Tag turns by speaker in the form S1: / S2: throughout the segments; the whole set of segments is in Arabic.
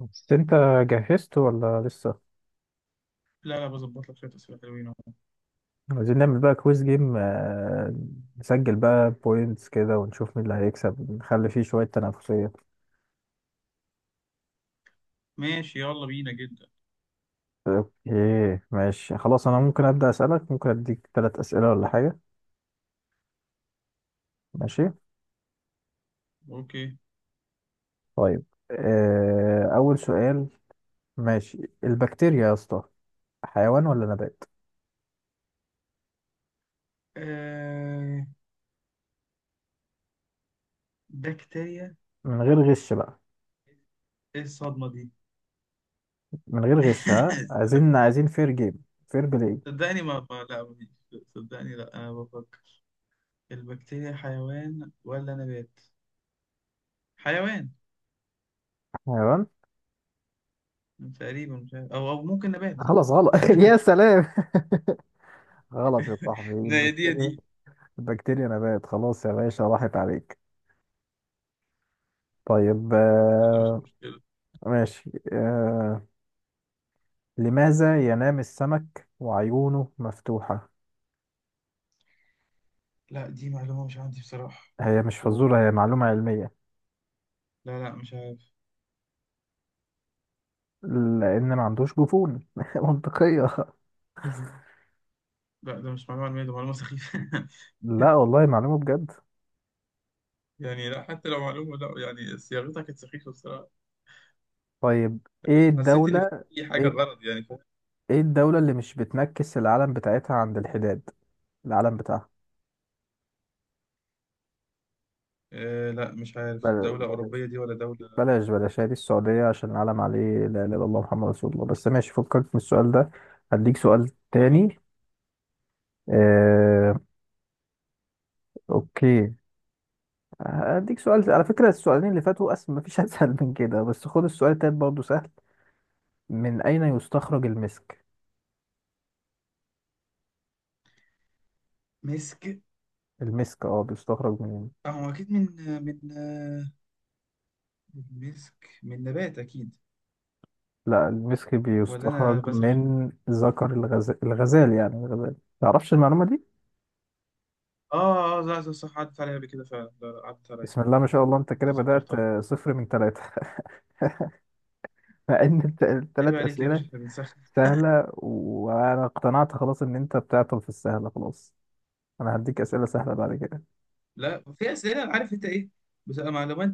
S1: بس انت جهزت ولا لسه؟
S2: لا لا، بظبط لك شوية أسئلة حلوين أهو.
S1: عايزين نعمل بقى كويس جيم، نسجل بقى بوينتس كده ونشوف مين اللي هيكسب، نخلي فيه شوية تنافسية.
S2: ماشي يلا بينا جدا.
S1: اوكي ماشي خلاص، انا ممكن ابدأ اسألك؟ ممكن اديك ثلاث اسئلة ولا حاجة؟ ماشي.
S2: أوكي.
S1: طيب، اول سؤال. ماشي، البكتيريا يا اسطى حيوان ولا نبات؟
S2: آه... بكتيريا.
S1: من غير غش بقى.
S2: إيه الصدمة دي؟
S1: من غير غش، ها، عايزين فير جيم، فير بلاي.
S2: صدقني لا مفيش. صدقني لا، أنا بفكر. البكتيريا حيوان ولا نبات؟ حيوان.
S1: حيوان.
S2: تقريبا مش عارف، أو ممكن نبات.
S1: خلاص غلط يا سلام. غلط يا صاحبي،
S2: لا يا دي يا
S1: البكتيريا
S2: دي.
S1: بكتيريا نبات. خلاص يا باشا راحت عليك. طيب.
S2: يلا مش مشكلة.
S1: ماشي. لماذا ينام السمك وعيونه مفتوحة؟
S2: لا دي معلومة مش عندي بصراحة.
S1: هي مش
S2: و...
S1: فزورة، هي معلومة علمية.
S2: لا لا مش عارف.
S1: لأن ما عندوش جفون منطقية.
S2: لا ده مش معلومة علمية، ده معلومة سخيفة.
S1: لا والله معلومة بجد.
S2: يعني لا، حتى لو معلومة، لا يعني صياغتها كانت سخيفة بصراحة.
S1: طيب، ايه
S2: حسيت ان
S1: الدولة.
S2: في حاجه
S1: ايه,
S2: غلط، يعني فاهم.
S1: ايه الدولة اللي مش بتنكس العلم بتاعتها عند الحداد؟ العلم بتاعها.
S2: آه لا مش عارف، دوله اوروبيه
S1: بلاش
S2: دي ولا دوله.
S1: بلاش بلاش، هذه السعودية عشان العلم عليه لا إله إلا الله محمد رسول الله. بس ماشي، فكك من السؤال ده. هديك سؤال
S2: آه.
S1: تاني. آه، أوكي. هديك سؤال، على فكرة السؤالين اللي فاتوا أسهل، مفيش أسهل من كده، بس خد السؤال التالت برضه سهل. من أين يستخرج المسك؟
S2: مسك.
S1: المسك بيستخرج من.
S2: اه هو اكيد من من آه، من مسك، من نبات اكيد.
S1: لا، المسك
S2: ولا
S1: بيستخرج
S2: انا بسرح.
S1: من ذكر الغزال، الغزال يعني الغزال، متعرفش المعلومة دي؟
S2: اه اه لا صح صح، عدت عليا قبل كده فعلا. لا، لا، عدت عليا.
S1: بسم الله ما شاء الله أنت كده بدأت،
S2: تذكرتها.
S1: صفر من ثلاثة مع إن
S2: عيب
S1: الثلاث
S2: عليك يا باشا،
S1: أسئلة
S2: احنا بنسخن.
S1: سهلة، وأنا اقتنعت خلاص إن أنت بتعطل في السهلة. خلاص أنا هديك أسئلة سهلة بعد كده.
S2: لا في اسئله أنا عارف انت ايه، بتبقى معلومات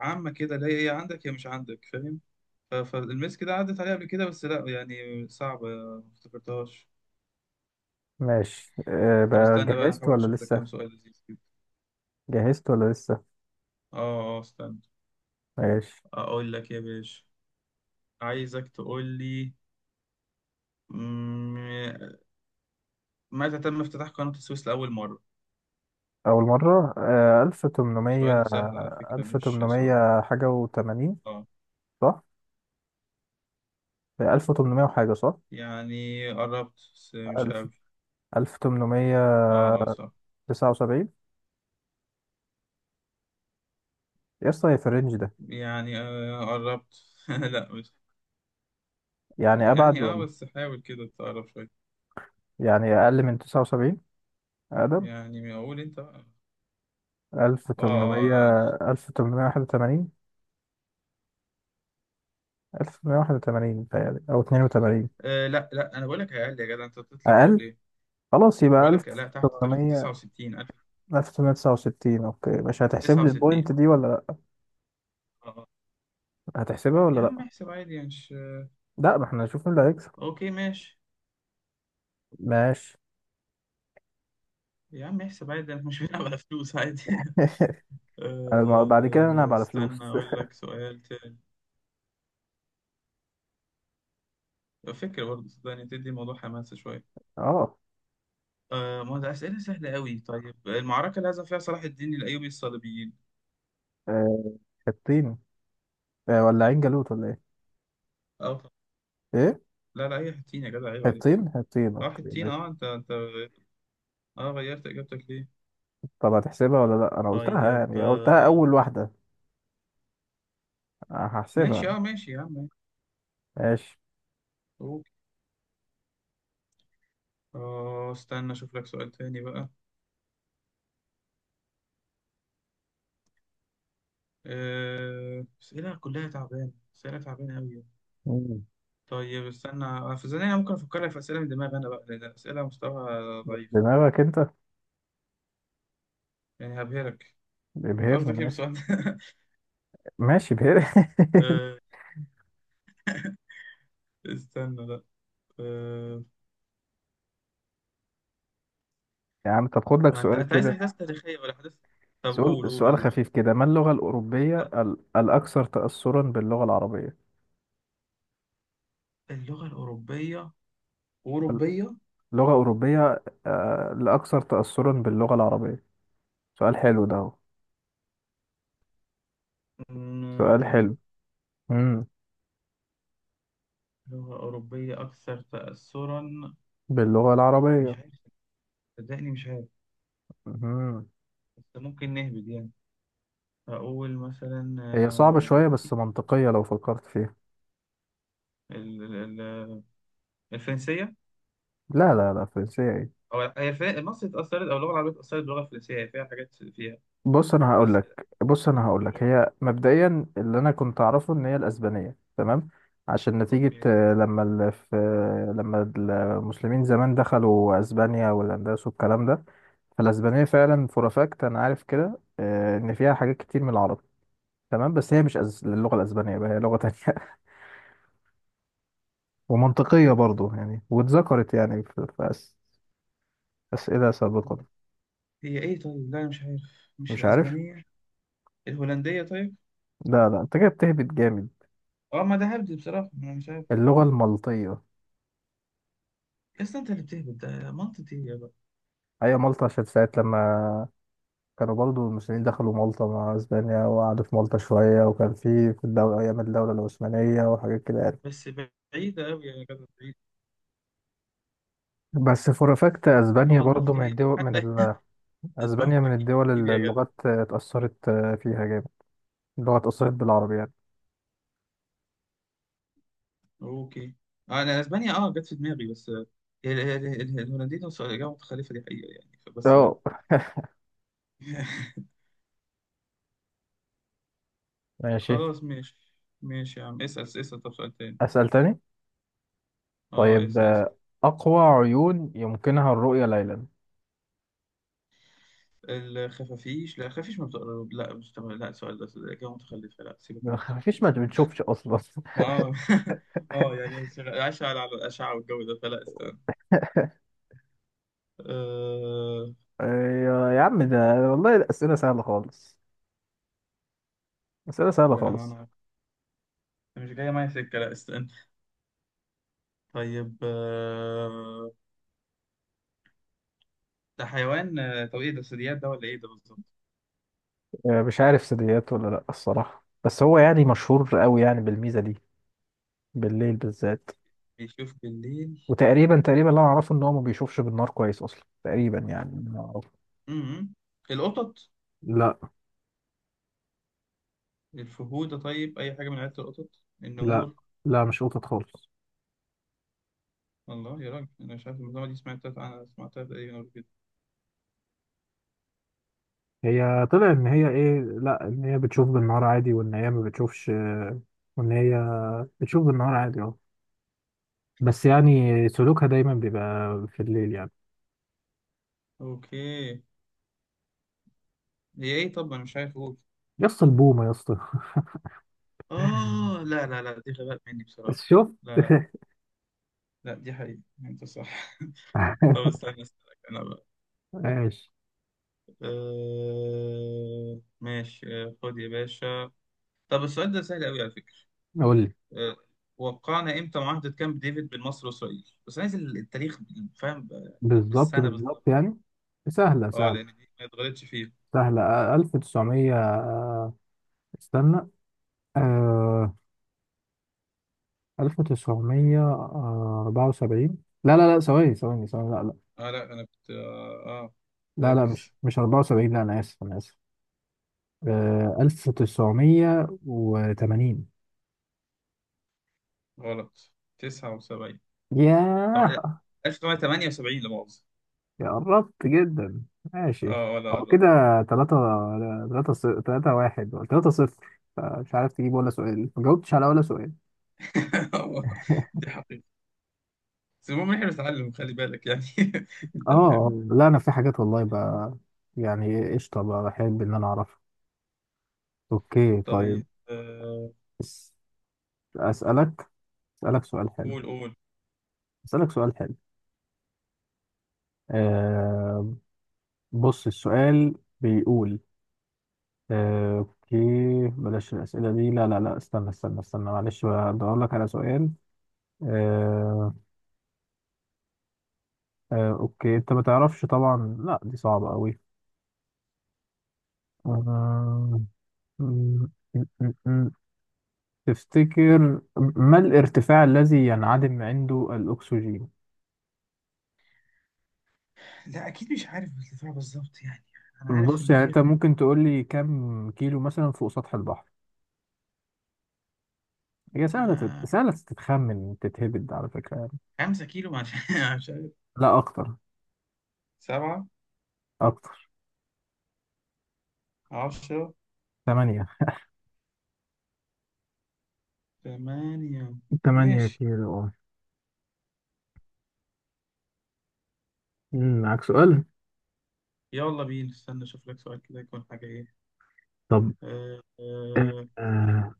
S2: عامه كده، لا هي عندك يا مش عندك، فاهم. فالمسك ده عدت عليا قبل كده، بس لا يعني صعبه، ما افتكرتهاش.
S1: ماشي
S2: طب
S1: بقى،
S2: استنى بقى انا
S1: جهزت
S2: احاول
S1: ولا
S2: اشوف لك كام
S1: لسه؟
S2: سؤال لذيذ كده.
S1: جهزت ولا لسه؟
S2: اه اه استنى.
S1: ماشي.
S2: اقول لك يا باشا، عايزك تقول لي، مم، متى تم افتتاح قناة السويس لأول مرة؟
S1: أول مرة، ألف تمنمية.
S2: سؤال سهل على فكرة،
S1: ألف
S2: مش صعب.
S1: تمنمية حاجة وتمانين،
S2: اه
S1: صح؟ ألف تمنمية وحاجة، صح؟
S2: يعني قربت بس مش
S1: ألف.
S2: قوي.
S1: ألف تمنمية
S2: اه اه صح.
S1: تسعة وسبعين. يا اسطى، هي في الرينج ده؟
S2: يعني آه قربت. لا مش.
S1: يعني أبعد
S2: يعني اه
S1: ولا؟
S2: بس حاول كده تقرب شوية.
S1: يعني أقل من تسعة وسبعين؟ أقدم.
S2: يعني اقول انت بقى.
S1: ألف
S2: اه.
S1: تمنمية.
S2: آه، آه.
S1: ألف تمنمية واحد وتمانين. 1181 بتهيألي، أو 82.
S2: لا لا، انا بقول لك اقل، يا جدع انت بتطلع فوق
S1: أقل.
S2: ليه؟
S1: خلاص يبقى
S2: بقول لك لا، تحت تحت
S1: 1800.
S2: 69 1000.
S1: 1869. أوكي، مش هتحسب لي
S2: 69.
S1: البوينت دي ولا لأ؟
S2: اه.
S1: هتحسبها ولا
S2: يا عم
S1: لأ؟
S2: احسب عادي يعني مش.
S1: لأ، ما احنا هنشوف مين اللي هيكسب.
S2: اوكي ماشي.
S1: ماشي.
S2: يا عم احسب عادي، احنا مش بنلعب على فلوس عادي.
S1: أنا بعد كده أنا على فلوس.
S2: استنى اقول لك سؤال تاني. فكرة برضه صدقني، تدي الموضوع حماسة شوية.
S1: أه
S2: ما ده اسئلة سهلة قوي. طيب المعركة اللي هزم فيها صلاح الدين الايوبي الصليبيين؟
S1: آه، حطين. ولا عين جالوت ولا إيه؟
S2: اه طب.
S1: إيه،
S2: لا لا اي حتين، يا جدع عيب عليك.
S1: حطين حطين
S2: اه
S1: أوكي
S2: حتين اه،
S1: ماشي.
S2: انت اه غيرت اجابتك ليه؟
S1: طب هتحسبها ولا لأ؟ أنا قلتها
S2: طيب
S1: يعني، قلتها أول واحدة.
S2: ماشي
S1: هحسبها.
S2: اه ماشي يا عم.
S1: ماشي.
S2: اوكي. اه استنى اشوف لك سؤال تاني بقى. اسئلة كلها تعبانة، اسئلة تعبانة قوي.
S1: مم.
S2: طيب استنى في ثانية، أنا ممكن أفكر لك في أسئلة من دماغي أنا بقى، لأن أسئلة مستوى ضعيف.
S1: دماغك أنت.
S2: يعني هبهرك. أنت
S1: ابهرني
S2: قصدك إيه
S1: ماشي.
S2: بالسؤال ده؟
S1: ماشي ابهرني.
S2: آه، استنى لا. آه،
S1: يا عم طب خد لك
S2: ما أنت
S1: سؤال
S2: أنت عايز
S1: كده.
S2: أحداث تاريخية ولا أحداث. طب قول
S1: سؤال
S2: قول
S1: سؤال
S2: قول
S1: خفيف كده، ما اللغة الأوروبية
S2: طب
S1: الأكثر تأثرا باللغة العربية؟
S2: اللغة الأوروبية،
S1: ال-
S2: أوروبية.
S1: لغة أوروبية الأكثر تأثرا باللغة العربية. سؤال حلو ده أهو. سؤال
S2: مم،
S1: حلو. امم
S2: لغة أوروبية أكثر تأثرا.
S1: باللغة
S2: مش
S1: العربية.
S2: عارف، صدقني مش عارف.
S1: امم
S2: بس ممكن نهبد يعني. أقول مثلا
S1: هي صعبة شوية بس
S2: أكيد
S1: منطقية لو فكرت فيها.
S2: ال- ال- ال- الفرنسية.
S1: لا لا لا، فرنسية إيه.
S2: هو هي فيها مصر اتأثرت، أو اللغة العربية اتأثرت باللغة الفرنسية، هي فيها حاجات فيها. بس
S1: بص انا هقول لك
S2: هو-
S1: هي مبدئيا اللي انا كنت اعرفه ان هي الاسبانيه، تمام. عشان نتيجه
S2: أوكي.
S1: لما في، لما المسلمين زمان دخلوا اسبانيا والاندلس والكلام ده، فالاسبانيه فعلا فور فاكت انا عارف كده ان فيها حاجات كتير من العربي، تمام. بس هي مش اللغه الاسبانيه بقى هي لغه تانية ومنطقيه برضو يعني. واتذكرت يعني في اسئله سابقه.
S2: هي إيه طيب؟ لا أنا مش عارف. مش
S1: مش عارف.
S2: الأسبانية؟ الهولندية طيب؟
S1: لا لا انت كده بتهبط جامد.
S2: أه ما ده هبد بصراحة، أنا مش عارف.
S1: اللغه المالطيه.
S2: أصل أنت اللي بتهبد ده منطقي يا بقى.
S1: هي مالطا، عشان ساعة لما كانوا برضو المسلمين دخلوا مالطا مع اسبانيا وقعدوا في مالطا شوية، وكان في الدولة ايام الدولة العثمانية وحاجات كده يعني.
S2: بس بعيدة أوي يا جدع، بعيدة.
S1: بس فور فاكت اسبانيا
S2: اللغة
S1: برضو من
S2: المالطية
S1: الدول،
S2: حتى. اسمها
S1: اسبانيا من
S2: أكيد.
S1: الدول اللي
S2: يا جدع.
S1: اللغات اتأثرت فيها جامد، اللغة اتأثرت بالعربي يعني.
S2: أوكي. أنا أسبانيا أه جت في دماغي، بس ال- الهولنديين وصلوا إجابة متخلفة دي حقيقة يعني بس.
S1: اه. ماشي.
S2: خلاص ماشي. ماشي يا عم، اسأل اسأل، طب سؤال تاني.
S1: اسأل تاني.
S2: اه
S1: طيب،
S2: اسال.
S1: اقوى عيون يمكنها الرؤية ليلا.
S2: اسال الخفافيش. لا خفافيش ما بتقرب، لا مش تمام، لا السؤال ده الاجابه متخلفه، لا سيبك من الخفافيش،
S1: مفيش، ما
S2: استنى.
S1: بتشوفش اصلا.
S2: ما اه اه يعني عايشه على الاشعه والجو ده، فلا استنى. أه...
S1: يا عم ده والله الأسئلة سهلة خالص. أسئلة سهلة
S2: لا
S1: خالص.
S2: انا. أنا مش جايه معايا سكه، لا استنى. طيب ده حيوان. طب ايه ده، ثدييات ده ولا ايه ده بالظبط؟
S1: مش عارف ثدييات ولا لا الصراحة، بس هو يعني مشهور قوي يعني بالميزة دي، بالليل بالذات.
S2: بيشوف بالليل.
S1: وتقريبا تقريبا اللي انا اعرفه ان هو ما بيشوفش بالنار كويس اصلا، تقريبا يعني اللي أنا أعرفه.
S2: امم. القطط؟
S1: لا
S2: الفهود طيب، اي حاجه من عيله القطط،
S1: لا
S2: النمور؟
S1: لا مش قطط خالص.
S2: الله يا راجل، انا مش عارف المعلومه دي، سمعتها انا سمعتها تقريبا قبل كده.
S1: هي طلع ان هي ايه، لا، ان هي بتشوف بالنهار عادي، وان هي ما بتشوفش، وان هي بتشوف بالنهار عادي اه. بس يعني سلوكها دايما بيبقى في الليل يعني.
S2: اوكي. هي ايه طب، انا مش عارف اقول.
S1: يا اسطى البومة يا اسطى.
S2: اه لا لا لا دي غباء مني بصراحة.
S1: شفت.
S2: لا لا. لا دي حقيقة، انت صح. طب استنى اسألك انا بقى.
S1: ماشي.
S2: ماشي. خد يا باشا. طب السؤال ده سهل قوي على فكرة.
S1: قول لي.
S2: آه... وقعنا امتى معاهدة كامب ديفيد بين مصر واسرائيل، بس عايز التاريخ يعني، فاهم بقى، يعني
S1: بالظبط
S2: بالسنة
S1: بالظبط
S2: بالظبط.
S1: يعني. سهلة
S2: اه
S1: سهلة
S2: لان دي ما اتغلطش فيها.
S1: سهلة. ألف تسعمية. استنى. ألف تسعمية أربعة وسبعين. لا لا لا، ثواني ثواني ثواني، لا لا.
S2: اه لا انا كنت
S1: لا لا مش
S2: ركز.
S1: مش أربعة وسبعين، لا أنا آسف، أنا آسف. ألف تسعمية وتمانين.
S2: غلط. 79. لا،
S1: ياه.
S2: 1978 لا مؤاخذة.
S1: يا قربت جدا. ماشي.
S2: اه
S1: هو
S2: ولا.
S1: كده. تلاتة. تلاتة تلاتة واحد ولا تلاتة صفر؟ مش عارف تجيب ولا سؤال، ما جاوبتش على ولا سؤال.
S2: دي حقيقة. بس المهم إن احنا بنتعلم، خلي بالك يعني. انت فاهم.
S1: لا انا في حاجات والله بقى، يعني قشطه بقى بحب ان انا اعرفها. اوكي طيب.
S2: طيب آه،
S1: بس اسالك، اسالك سؤال حلو.
S2: قول قول.
S1: اسالك سؤال حلو. آه بص السؤال بيقول. اوكي بلاش الاسئله دي. لا لا لا، استنى استنى استنى، معلش بدور لك على سؤال. آه اوكي، انت ما تعرفش طبعا. لا دي صعبه قوي. آه، تفتكر ما الارتفاع الذي ينعدم عنده الأكسجين؟
S2: لا اكيد مش عارف الارتفاع بالظبط يعني، انا عارف
S1: بص،
S2: ان
S1: يعني
S2: في.
S1: أنت ممكن تقول لي كم كيلو مثلا فوق سطح البحر؟ هي سهلة
S2: آه،
S1: سهلة تتخمن تتهبد على فكرة يعني.
S2: خمسة كيلو مش. مش عارف.
S1: لا أكتر.
S2: سبعة.
S1: أكتر.
S2: عشرة.
S1: تمانية.
S2: ثمانية.
S1: تمانية
S2: ماشي.
S1: كيلو اه. معاك سؤال؟
S2: يلا بينا استنى اشوف لك سؤال كده، يكون حاجة ايه.
S1: طب،
S2: آه،
S1: آه،
S2: آه،
S1: آه،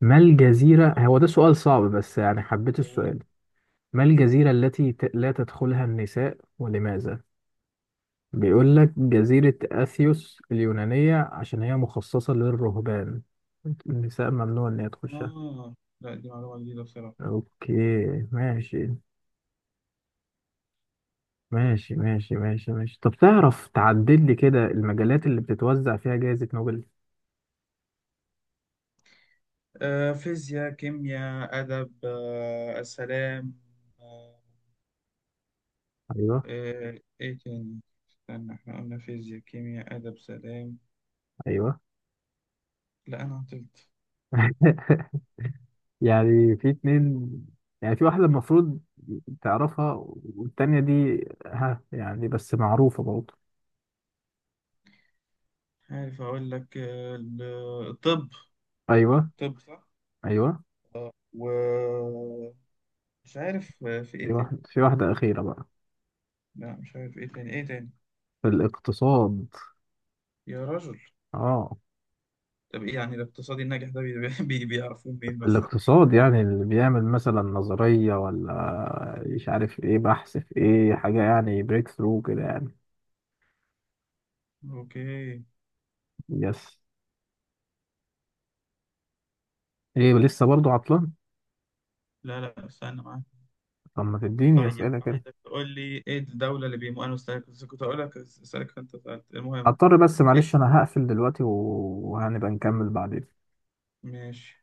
S1: ما الجزيرة، هو ده سؤال صعب بس يعني حبيت
S2: قول.
S1: السؤال. ما الجزيرة التي لا تدخلها النساء ولماذا؟ بيقول لك جزيرة أثيوس اليونانية عشان هي مخصصة للرهبان، النساء ممنوع إن هي تخشها.
S2: اه لا دي معلومة جديدة بصراحة.
S1: أوكي ماشي ماشي ماشي ماشي ماشي. طب تعرف تعدل لي كده المجالات اللي بتتوزع فيها جائزة نوبل؟
S2: فيزياء، كيمياء، أدب، السلام. آه،
S1: أيوه.
S2: ايه تاني؟ استنى، احنا قلنا فيزياء، كيمياء، ادب، سلام.
S1: أيوه.
S2: لا انا عطلت.
S1: يعني في اتنين، يعني في واحدة المفروض تعرفها، والتانية دي ها يعني بس معروفة برضه.
S2: عارف اقول لك الطب.
S1: أيوه.
S2: الطب صح.
S1: أيوه.
S2: و مش عارف في
S1: في
S2: ايه تاني.
S1: واحد في واحدة أخيرة بقى.
S2: لا مش عارف، ايه تاني.
S1: في الاقتصاد.
S2: يا راجل.
S1: اه.
S2: طب ايه يعني الاقتصادي الناجح ده بيعرفوه منين مثلا؟
S1: الاقتصاد يعني اللي بيعمل مثلا نظرية، ولا مش عارف ايه، بحث في ايه حاجة يعني بريك ثرو كده يعني.
S2: اوكي.
S1: يس. ايه لسه برضو عطلان؟
S2: لا لا استنى معاك.
S1: طب ما تديني
S2: طيب
S1: اسئلة كده.
S2: عايزك تقول لي ايه الدولة اللي بيمو، انا مستني. كنت أقول لك اسألك، انت سألت المهم.
S1: هضطر، بس
S2: إيه؟
S1: معلش، انا هقفل دلوقتي وهنبقى نكمل بعدين.
S2: ماشي.